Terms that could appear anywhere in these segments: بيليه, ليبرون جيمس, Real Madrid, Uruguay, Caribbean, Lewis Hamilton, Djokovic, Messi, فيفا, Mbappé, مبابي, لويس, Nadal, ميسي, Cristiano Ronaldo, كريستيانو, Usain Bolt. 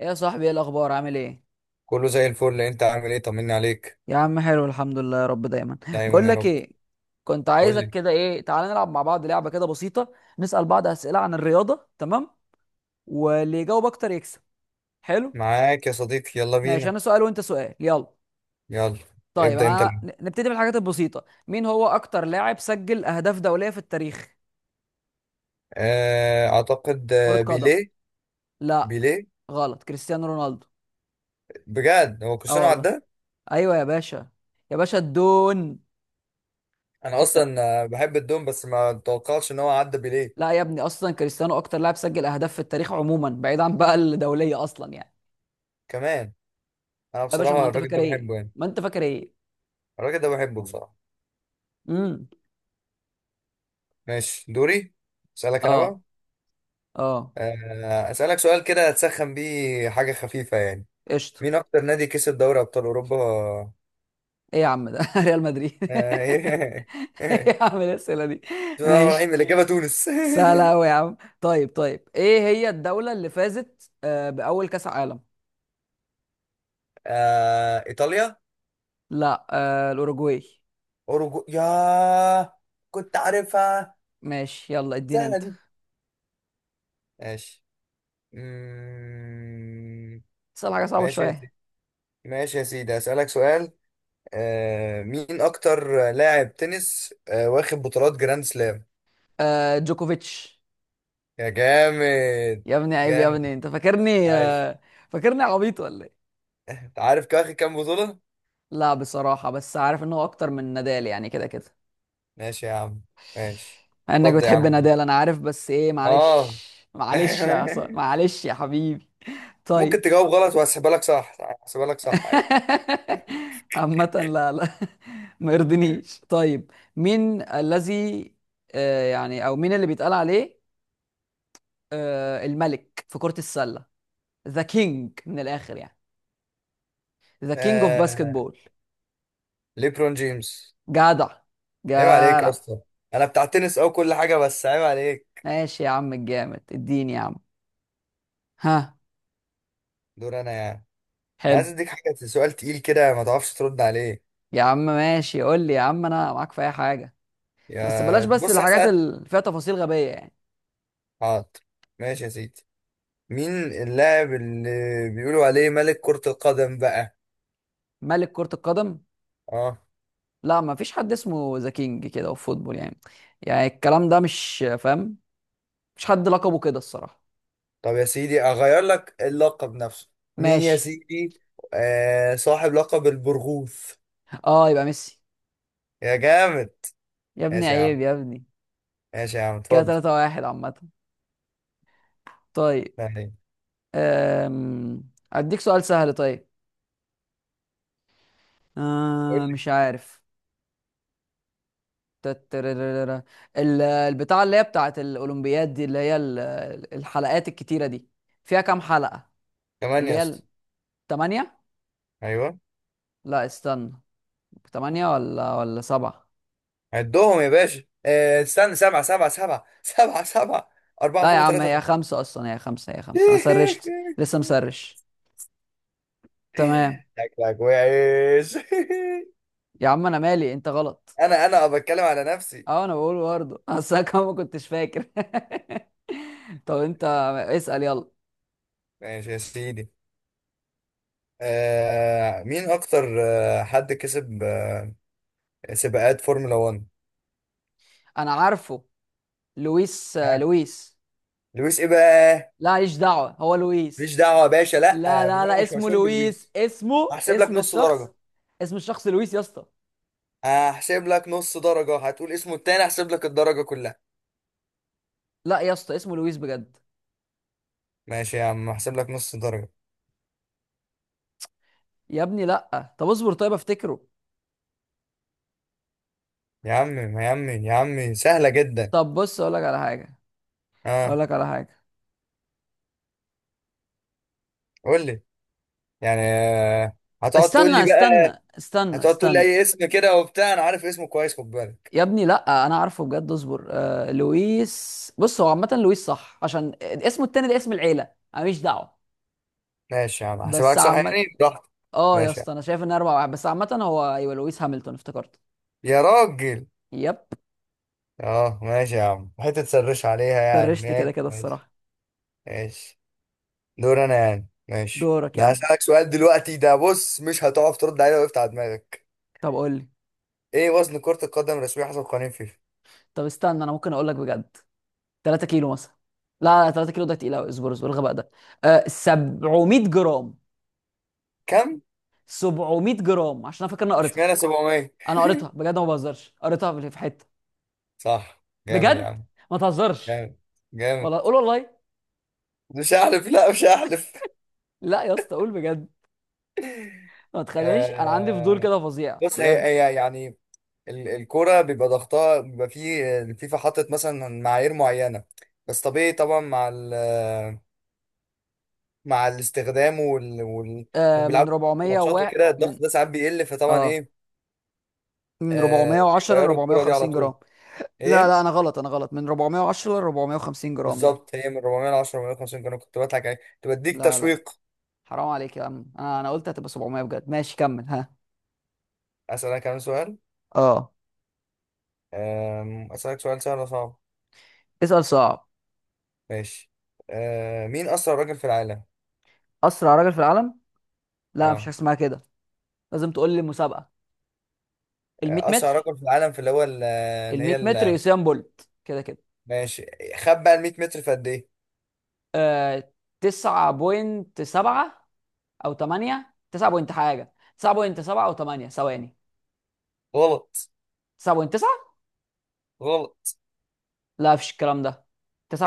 ايه يا صاحبي، ايه الاخبار؟ عامل ايه؟ كله زي الفل، انت عامل ايه؟ طمني عليك. يا عم حلو الحمد لله، يا رب دايما. دايما بقول يا لك رب. ايه، كنت قول عايزك لي. كده. ايه، تعالى نلعب مع بعض لعبه كده بسيطه. نسال بعض اسئله عن الرياضه، تمام؟ واللي يجاوب اكتر يكسب. حلو. معاك يا صديقي، يلا ماشي، بينا. انا سؤال وانت سؤال، يلا. يلا. طيب، ابدأ انت انا الأول. نبتدي بالحاجات البسيطه. مين هو اكتر لاعب سجل اهداف دوليه في التاريخ؟ اعتقد كره قدم. بيليه. لا. بيليه. غلط، كريستيانو رونالدو. بجد هو اه كريستيانو والله. عداه؟ ايوه يا باشا. يا باشا الدون. انا اصلا بحب الدوم بس ما توقعتش ان هو عدى بيليه. لا يا ابني، اصلا كريستيانو اكتر لاعب سجل اهداف في التاريخ عموما، بعيد عن بقى الدوليه اصلا يعني. كمان. انا يا باشا، ما بصراحة انت الراجل فاكر ده ايه، بحبه يعني. ما انت فاكر ايه. الراجل ده بحبه بصراحة. امم ماشي، دوري. اسألك انا بقى. اه. اه. اسألك سؤال كده هتسخن بيه، حاجة خفيفة يعني. قشطه. مين اكتر نادي كسب دوري ابطال اوروبا؟ ايه يا عم ده ريال مدريد آه، ايه يا عم الاسئله دي؟ بسم الله الرحمن ماشي. الرحيم، الإجابة تونس. سهله قوي يا عم. طيب طيب، ايه هي الدوله اللي فازت باول كاس عالم؟ إيطاليا. لا، الاوروجواي. أوروجو يا. كنت عارفها. ماشي، يلا ادينا سهلة انت. دي. ماشي. مم... اسال حاجه صعبه ماشي يا شويه. سيدي. ماشي يا سيدي، أسألك سؤال. مين أكتر لاعب تنس واخد بطولات جراند سلام؟ جوكوفيتش. يا جامد. يا ابني عيب، يا ابني، جامد. انت فاكرني عايش. آه فاكرني عبيط ولا ايه؟ أنت عارف كان واخد كام بطولة؟ لا بصراحة، بس عارف ان هو اكتر من نادال يعني، كده كده. ماشي يا عم. ماشي. مع انك اتفضل يا بتحب عم. نادال انا عارف، بس ايه آه معلش. معلش معلش يا حبيبي. ممكن طيب. تجاوب غلط وهسيبها لك صح. هسيبها لك صح. عامة لا، لا. ما يرضنيش. طيب، مين الذي يعني، او مين اللي بيتقال عليه الملك في كرة السلة؟ ذا كينج من الاخر يعني، ذا كينج اوف باسكت آه... بول. ليبرون جيمس. جدع. عيب عليك يا جدع. اسطى. انا بتاع تنس او كل حاجه، بس عيب عليك. ماشي يا عم الجامد، اديني يا عم. ها. دور انا يعني. انا حلو. عايز اديك حاجه، سؤال تقيل كده ما تعرفش ترد عليه. يا عم ماشي، قول لي يا عم، انا معاك في اي حاجه. بس يا بلاش، بس بص، الحاجات هسأل. اللي فيها تفاصيل غبيه يعني. حاضر. ماشي يا سيدي. مين اللاعب اللي بيقولوا عليه ملك كرة القدم بقى؟ ملك كره القدم. اه. لا، ما فيش حد اسمه ذا كينج كده في فوتبول يعني. يعني الكلام ده مش فاهم. مش حد لقبه كده الصراحه. طب يا سيدي اغير لك اللقب نفسه. مين يا ماشي. سيدي؟ صاحب لقب البرغوث. اه يبقى ميسي. يا جامد. يا ابني ماشي يا عم. عيب يا ابني. ماشي يا عم، كده اتفضل. 3 واحد عامه. طيب. يعني. أم... اديك سؤال سهل، طيب. قول لي. مش عارف. تتررررر. البتاعة اللي هي بتاعت الأولمبياد دي، اللي هي الحلقات الكتيرة دي، فيها كام حلقة؟ كمان اللي يا هي اسطى. التمانية؟ ايوه. لا استنى، تمانية ولا سبعة؟ عدهم يا باشا، استنى، سبعة سبعة سبعة سبعة سبعة، أربعة لا يا فوق عم، وثلاثة هي تحت. خمسة أصلا، هي خمسة، هي خمسة. أنا سرشت. لسه مسرش. تمام. شكلك وحش. يا عم أنا مالي، أنت غلط. أنا بتكلم على نفسي. أه، أنا بقول برضه أصل أنا كمان ما كنتش فاكر. طب أنت اسأل، يلا. ماشي يا سيدي. مين أكتر حد كسب سباقات فورمولا 1؟ أنا عارفه، لويس ها. لويس. لويس إيه بقى؟ لا ماليش دعوة، هو ماليش لويس. دعوة يا باشا، لأ. لا لا هو لا، مش اسمه مشهور لويس، بلويس. اسمه هحسب لك اسم نص الشخص. درجة. اسم الشخص لويس يا اسطى. هحسب لك نص درجة، هتقول اسمه التاني هحسب لك الدرجة كلها. لا يا اسطى، اسمه لويس بجد. ماشي يا عم، هحسب لك نص درجة. يا ابني لا، طب اصبر، طيب افتكره. يا عم يا عم يا عم، سهلة جدا. طب بص، اقول لك على حاجه. اه. اقول لك على حاجه. قول لي. يعني هتقعد تقول لي استنى بقى؟ استنى استنى هتقعد تقول لي استنى. اي اسم كده وبتاع، انا عارف اسمه كويس، خد بالك. يا ابني لا، انا عارفه بجد، اصبر. لويس، بص هو عامه لويس صح، عشان اسمه التاني ده اسم العيله، انا ماليش دعوه. ماشي يا عم، هحسبها بس لك صح عامه. يعني، براحتك. اه يا ماشي يا اسطى، انا عم. شايف ان اربع واحد بس عامه. هو ايوه لويس هامilton، افتكرت. يا راجل. يب. اه ماشي يا عم، حتة تسرش عليها يعني، درشت كده ماشي كده ماشي. الصراحه. ماشي. دور انا يعني. ماشي دورك يا انا عم. هسألك سؤال دلوقتي، ده بص مش هتعرف ترد عليه لو وقفت على دماغك. طب قول لي. ايه وزن كرة القدم الرسمية حسب قوانين فيفا؟ طب استنى، انا ممكن اقول لك بجد. 3 كيلو مثلا. لا لا، 3 كيلو ده تقيل قوي. اصبر اصبر، الغباء ده. 700 جرام. كم؟ 700 جرام، عشان انا فاكر اني قريتها. اشمعنى 700؟ انا قريتها بجد، ما بهزرش، قريتها في حته. صح، جامد يا بجد. عم. ما تهزرش. جامد. جامد. والله قول والله. مش هحلف، لا مش هحلف. لا يا اسطى، قول بجد. ما تخلينيش، انا عندي فضول آه كده فظيع بص، هي بجد. هي يعني، الكرة بيبقى ضغطها، بيبقى فيه الفيفا حاطط مثلا معايير معينة. بس طبيعي طبعا، مع ال، مع الاستخدام وال إنهم من بيلعبوا 400 ماتشات و وكده من الضغط ده ساعات بيقل، فطبعا اه ايه، من آه 410 ل بيغيروا الكرة دي على 450 طول. جرام. لا ايه لا، انا غلط، انا غلط، من 410 ل 450 جرام. لا بالظبط، هي من 400 ل 10 450 كانوا، كنت بضحك عليه. كنت بديك لا لا، تشويق. حرام عليك يا عم، انا قلت هتبقى 700 بجد. ماشي كمل، ها. اسألك كمان سؤال. اه. اسألك سؤال، سهل ولا صعب؟ اسأل صعب. ماشي. مين أسرع راجل في العالم؟ اسرع راجل في العالم؟ لا، مفيش اه، حاجه اسمها كده. لازم تقول لي مسابقه. ال 100 أسرع متر. راجل في العالم في اللي هو ال اللي هي 100 متر، يوسين بولت كده كده. ماشي. خد بقى ال 100 متر في قد إيه؟ آه 9.7، او 8 9 بوينت حاجه. 9.7 او 8 ثواني. غلط. 9.9. غلط. لا، مفيش الكلام ده.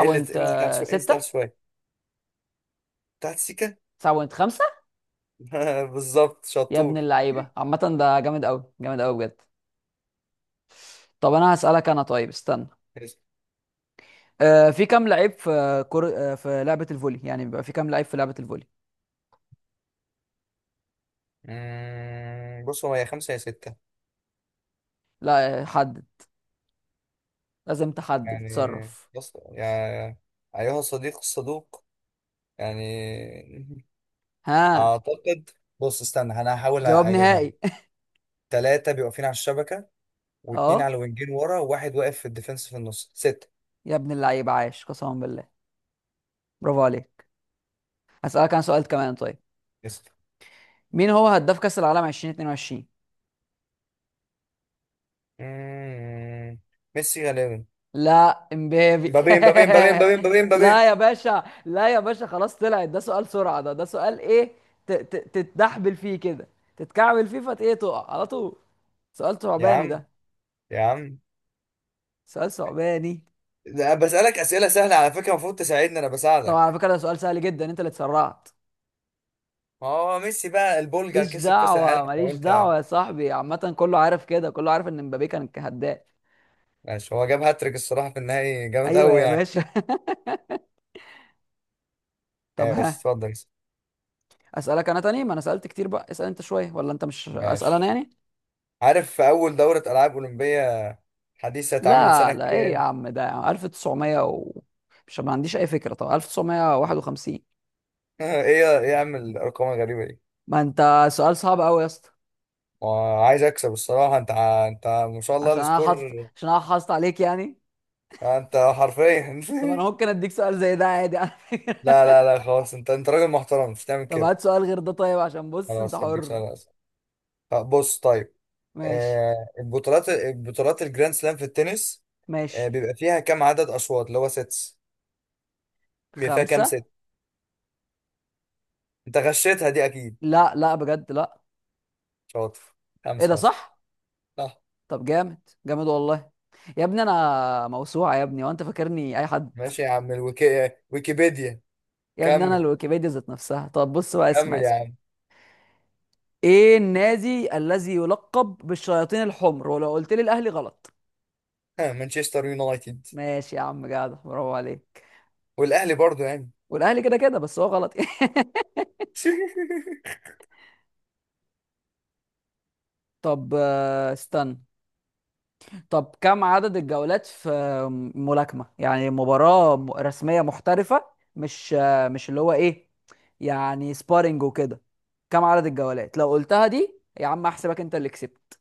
انزل تحت شوية، انزل تحت شوية، تحت السكة. 9.5. بالظبط، يا ابن شطور. اللعيبه عامه، ده جامد قوي، جامد قوي بجد. طب انا هسألك انا، طيب استنى. ماشي. في كام لعيب في كر... آه، في لعبة الفولي يعني، بيبقى في كام لعيب في لعبة الفولي؟ بص هو يا خمسة يا ستة. لا حدد، لازم تحدد، يعني، تصرف. بص يا أيها الصديق الصدوق، يعني ها. أعتقد، بص استنى أنا هحاول جواب أجيبها. نهائي. تلاتة بيبقوا واقفين على الشبكة، واتنين اه. على الوينجين ورا، وواحد واقف في الديفنس في النص، ستة. يا ابن اللعيب عاش، قسما بالله. برافو عليك. هسألك عن سؤال كمان، طيب. يس. مين هو هداف كأس العالم 2022؟ مم. ميسي غالبا. لا، امبابي. مبابي مبابي مبابي مبابي مبابي مبابي. لا يا باشا، لا يا باشا، خلاص طلعت ده سؤال سرعة، ده سؤال ايه، تتدحبل فيه كده، تتكعبل فيه فت ايه، تقع على طول. سؤال يا ثعباني عم. ده. يا عم سؤال ثعباني. ده أنا بسألك أسئلة سهلة على فكرة، المفروض تساعدني أنا طب على بساعدك. فكرة ده سؤال سهل جدا، انت اللي اتسرعت. ما هو ميسي بقى البولجا ماليش كسب كأس دعوة، العالم، ماليش فقلت دعوة يعني. يا صاحبي. عامة كله عارف كده، كله عارف ان مبابي كان هداف. ماشي، هو جاب هاتريك الصراحة في النهائي، جامد ايوه أوي يا يعني. باشا. طب ماشي، ها. اتفضل. اسألك انا تاني، ما انا سألت كتير بقى، اسأل انت شوية، ولا انت مش اسأل انا ماشي. يعني؟ عارف في أول دورة ألعاب أولمبية حديثة اتعملت سنة لا لا، ايه يا كام؟ عم ده 1900 و... مش، ما عنديش اي فكرة. طب 1951. إيه إيه يا عم الأرقام الغريبة دي؟ ما انت سؤال صعب قوي يا اسطى. وعايز اكسب الصراحه انت انت ما شاء الله عشان انا السكور. حاطط، عشان انا حاطط عليك يعني. اه، انت حرفيا طب انا ممكن اديك سؤال زي ده عادي على لا فكرة. لا لا، خلاص، انت راجل محترم مش تعمل طب كده. هات سؤال غير ده، طيب، عشان بص انت خلاص هديك حر. سؤال أسهل. طب بص، طيب. ماشي. البطولات الجراند سلام في التنس، ماشي. بيبقى فيها كام عدد اشواط اللي هو سيتس؟ بيبقى فيها كام خمسة. ست؟ انت غشيتها دي اكيد. لا لا، بجد لا. شاطر. ايه ده خمسة اصلا. صح. صح. طب جامد، جامد والله. يا ابني انا موسوعة يا ابني، وانت فاكرني اي حد. ماشي يا عم ويكيبيديا. يا ابني انا كمل. الويكيبيديا ذات نفسها. طب بص بقى، اسمع كمل يا اسمع. عم. ايه النادي الذي يلقب بالشياطين الحمر؟ ولو قلت لي الاهلي غلط. مانشستر يونايتد. ماشي يا عم جدع، برافو عليك. والاهلي برضو يعني. والاهلي كده كده، بس هو غلط طب استنى. طب كم عدد الجولات في ملاكمة، يعني مباراة رسمية محترفة، مش، مش اللي هو ايه يعني، سبارينج وكده. كم عدد الجولات؟ لو قلتها دي يا عم، احسبك انت اللي كسبت،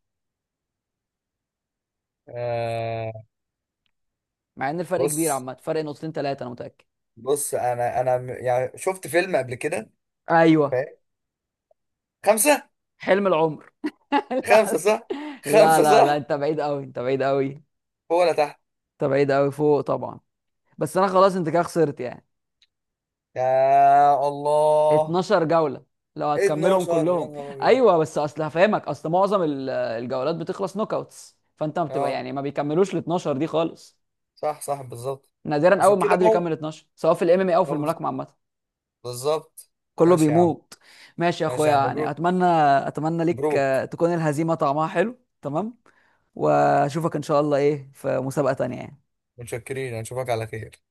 آه... مع ان الفرق كبير بص عامة، فرق نقطتين ثلاثة انا متأكد. بص انا يعني شفت فيلم قبل كده، ايوه. فاهم، خمسة. حلم العمر. خمسة لا صح. لا خمسة لا لا، صح. انت بعيد قوي، انت بعيد قوي. فوق ولا تحت. انت بعيد قوي فوق طبعا. بس انا خلاص انت كده خسرت يعني. يا الله. 12 جولة، لو هتكملهم 12 يا كلهم. نهار ابيض. ايوه، بس اصل هفهمك، اصل معظم الجولات بتخلص نوك اوتس، فانت ما بتبقى اه، يعني ما بيكملوش ال 12 دي خالص. صح صح، بالظبط. نادرا عشان اول ما كده حد بيكمل 12، سواء في الام ام اي او في آه، الملاكمة عامة. بالظبط. كله ماشي يا عم. بيموت. ماشي يا ماشي اخويا يا عم، يعني، مبروك. اتمنى. اتمنى ليك مبروك. تكون الهزيمة طعمها حلو، تمام. واشوفك ان شاء الله، ايه في مسابقة تانية يعني. متشكرين، اشوفك على خير.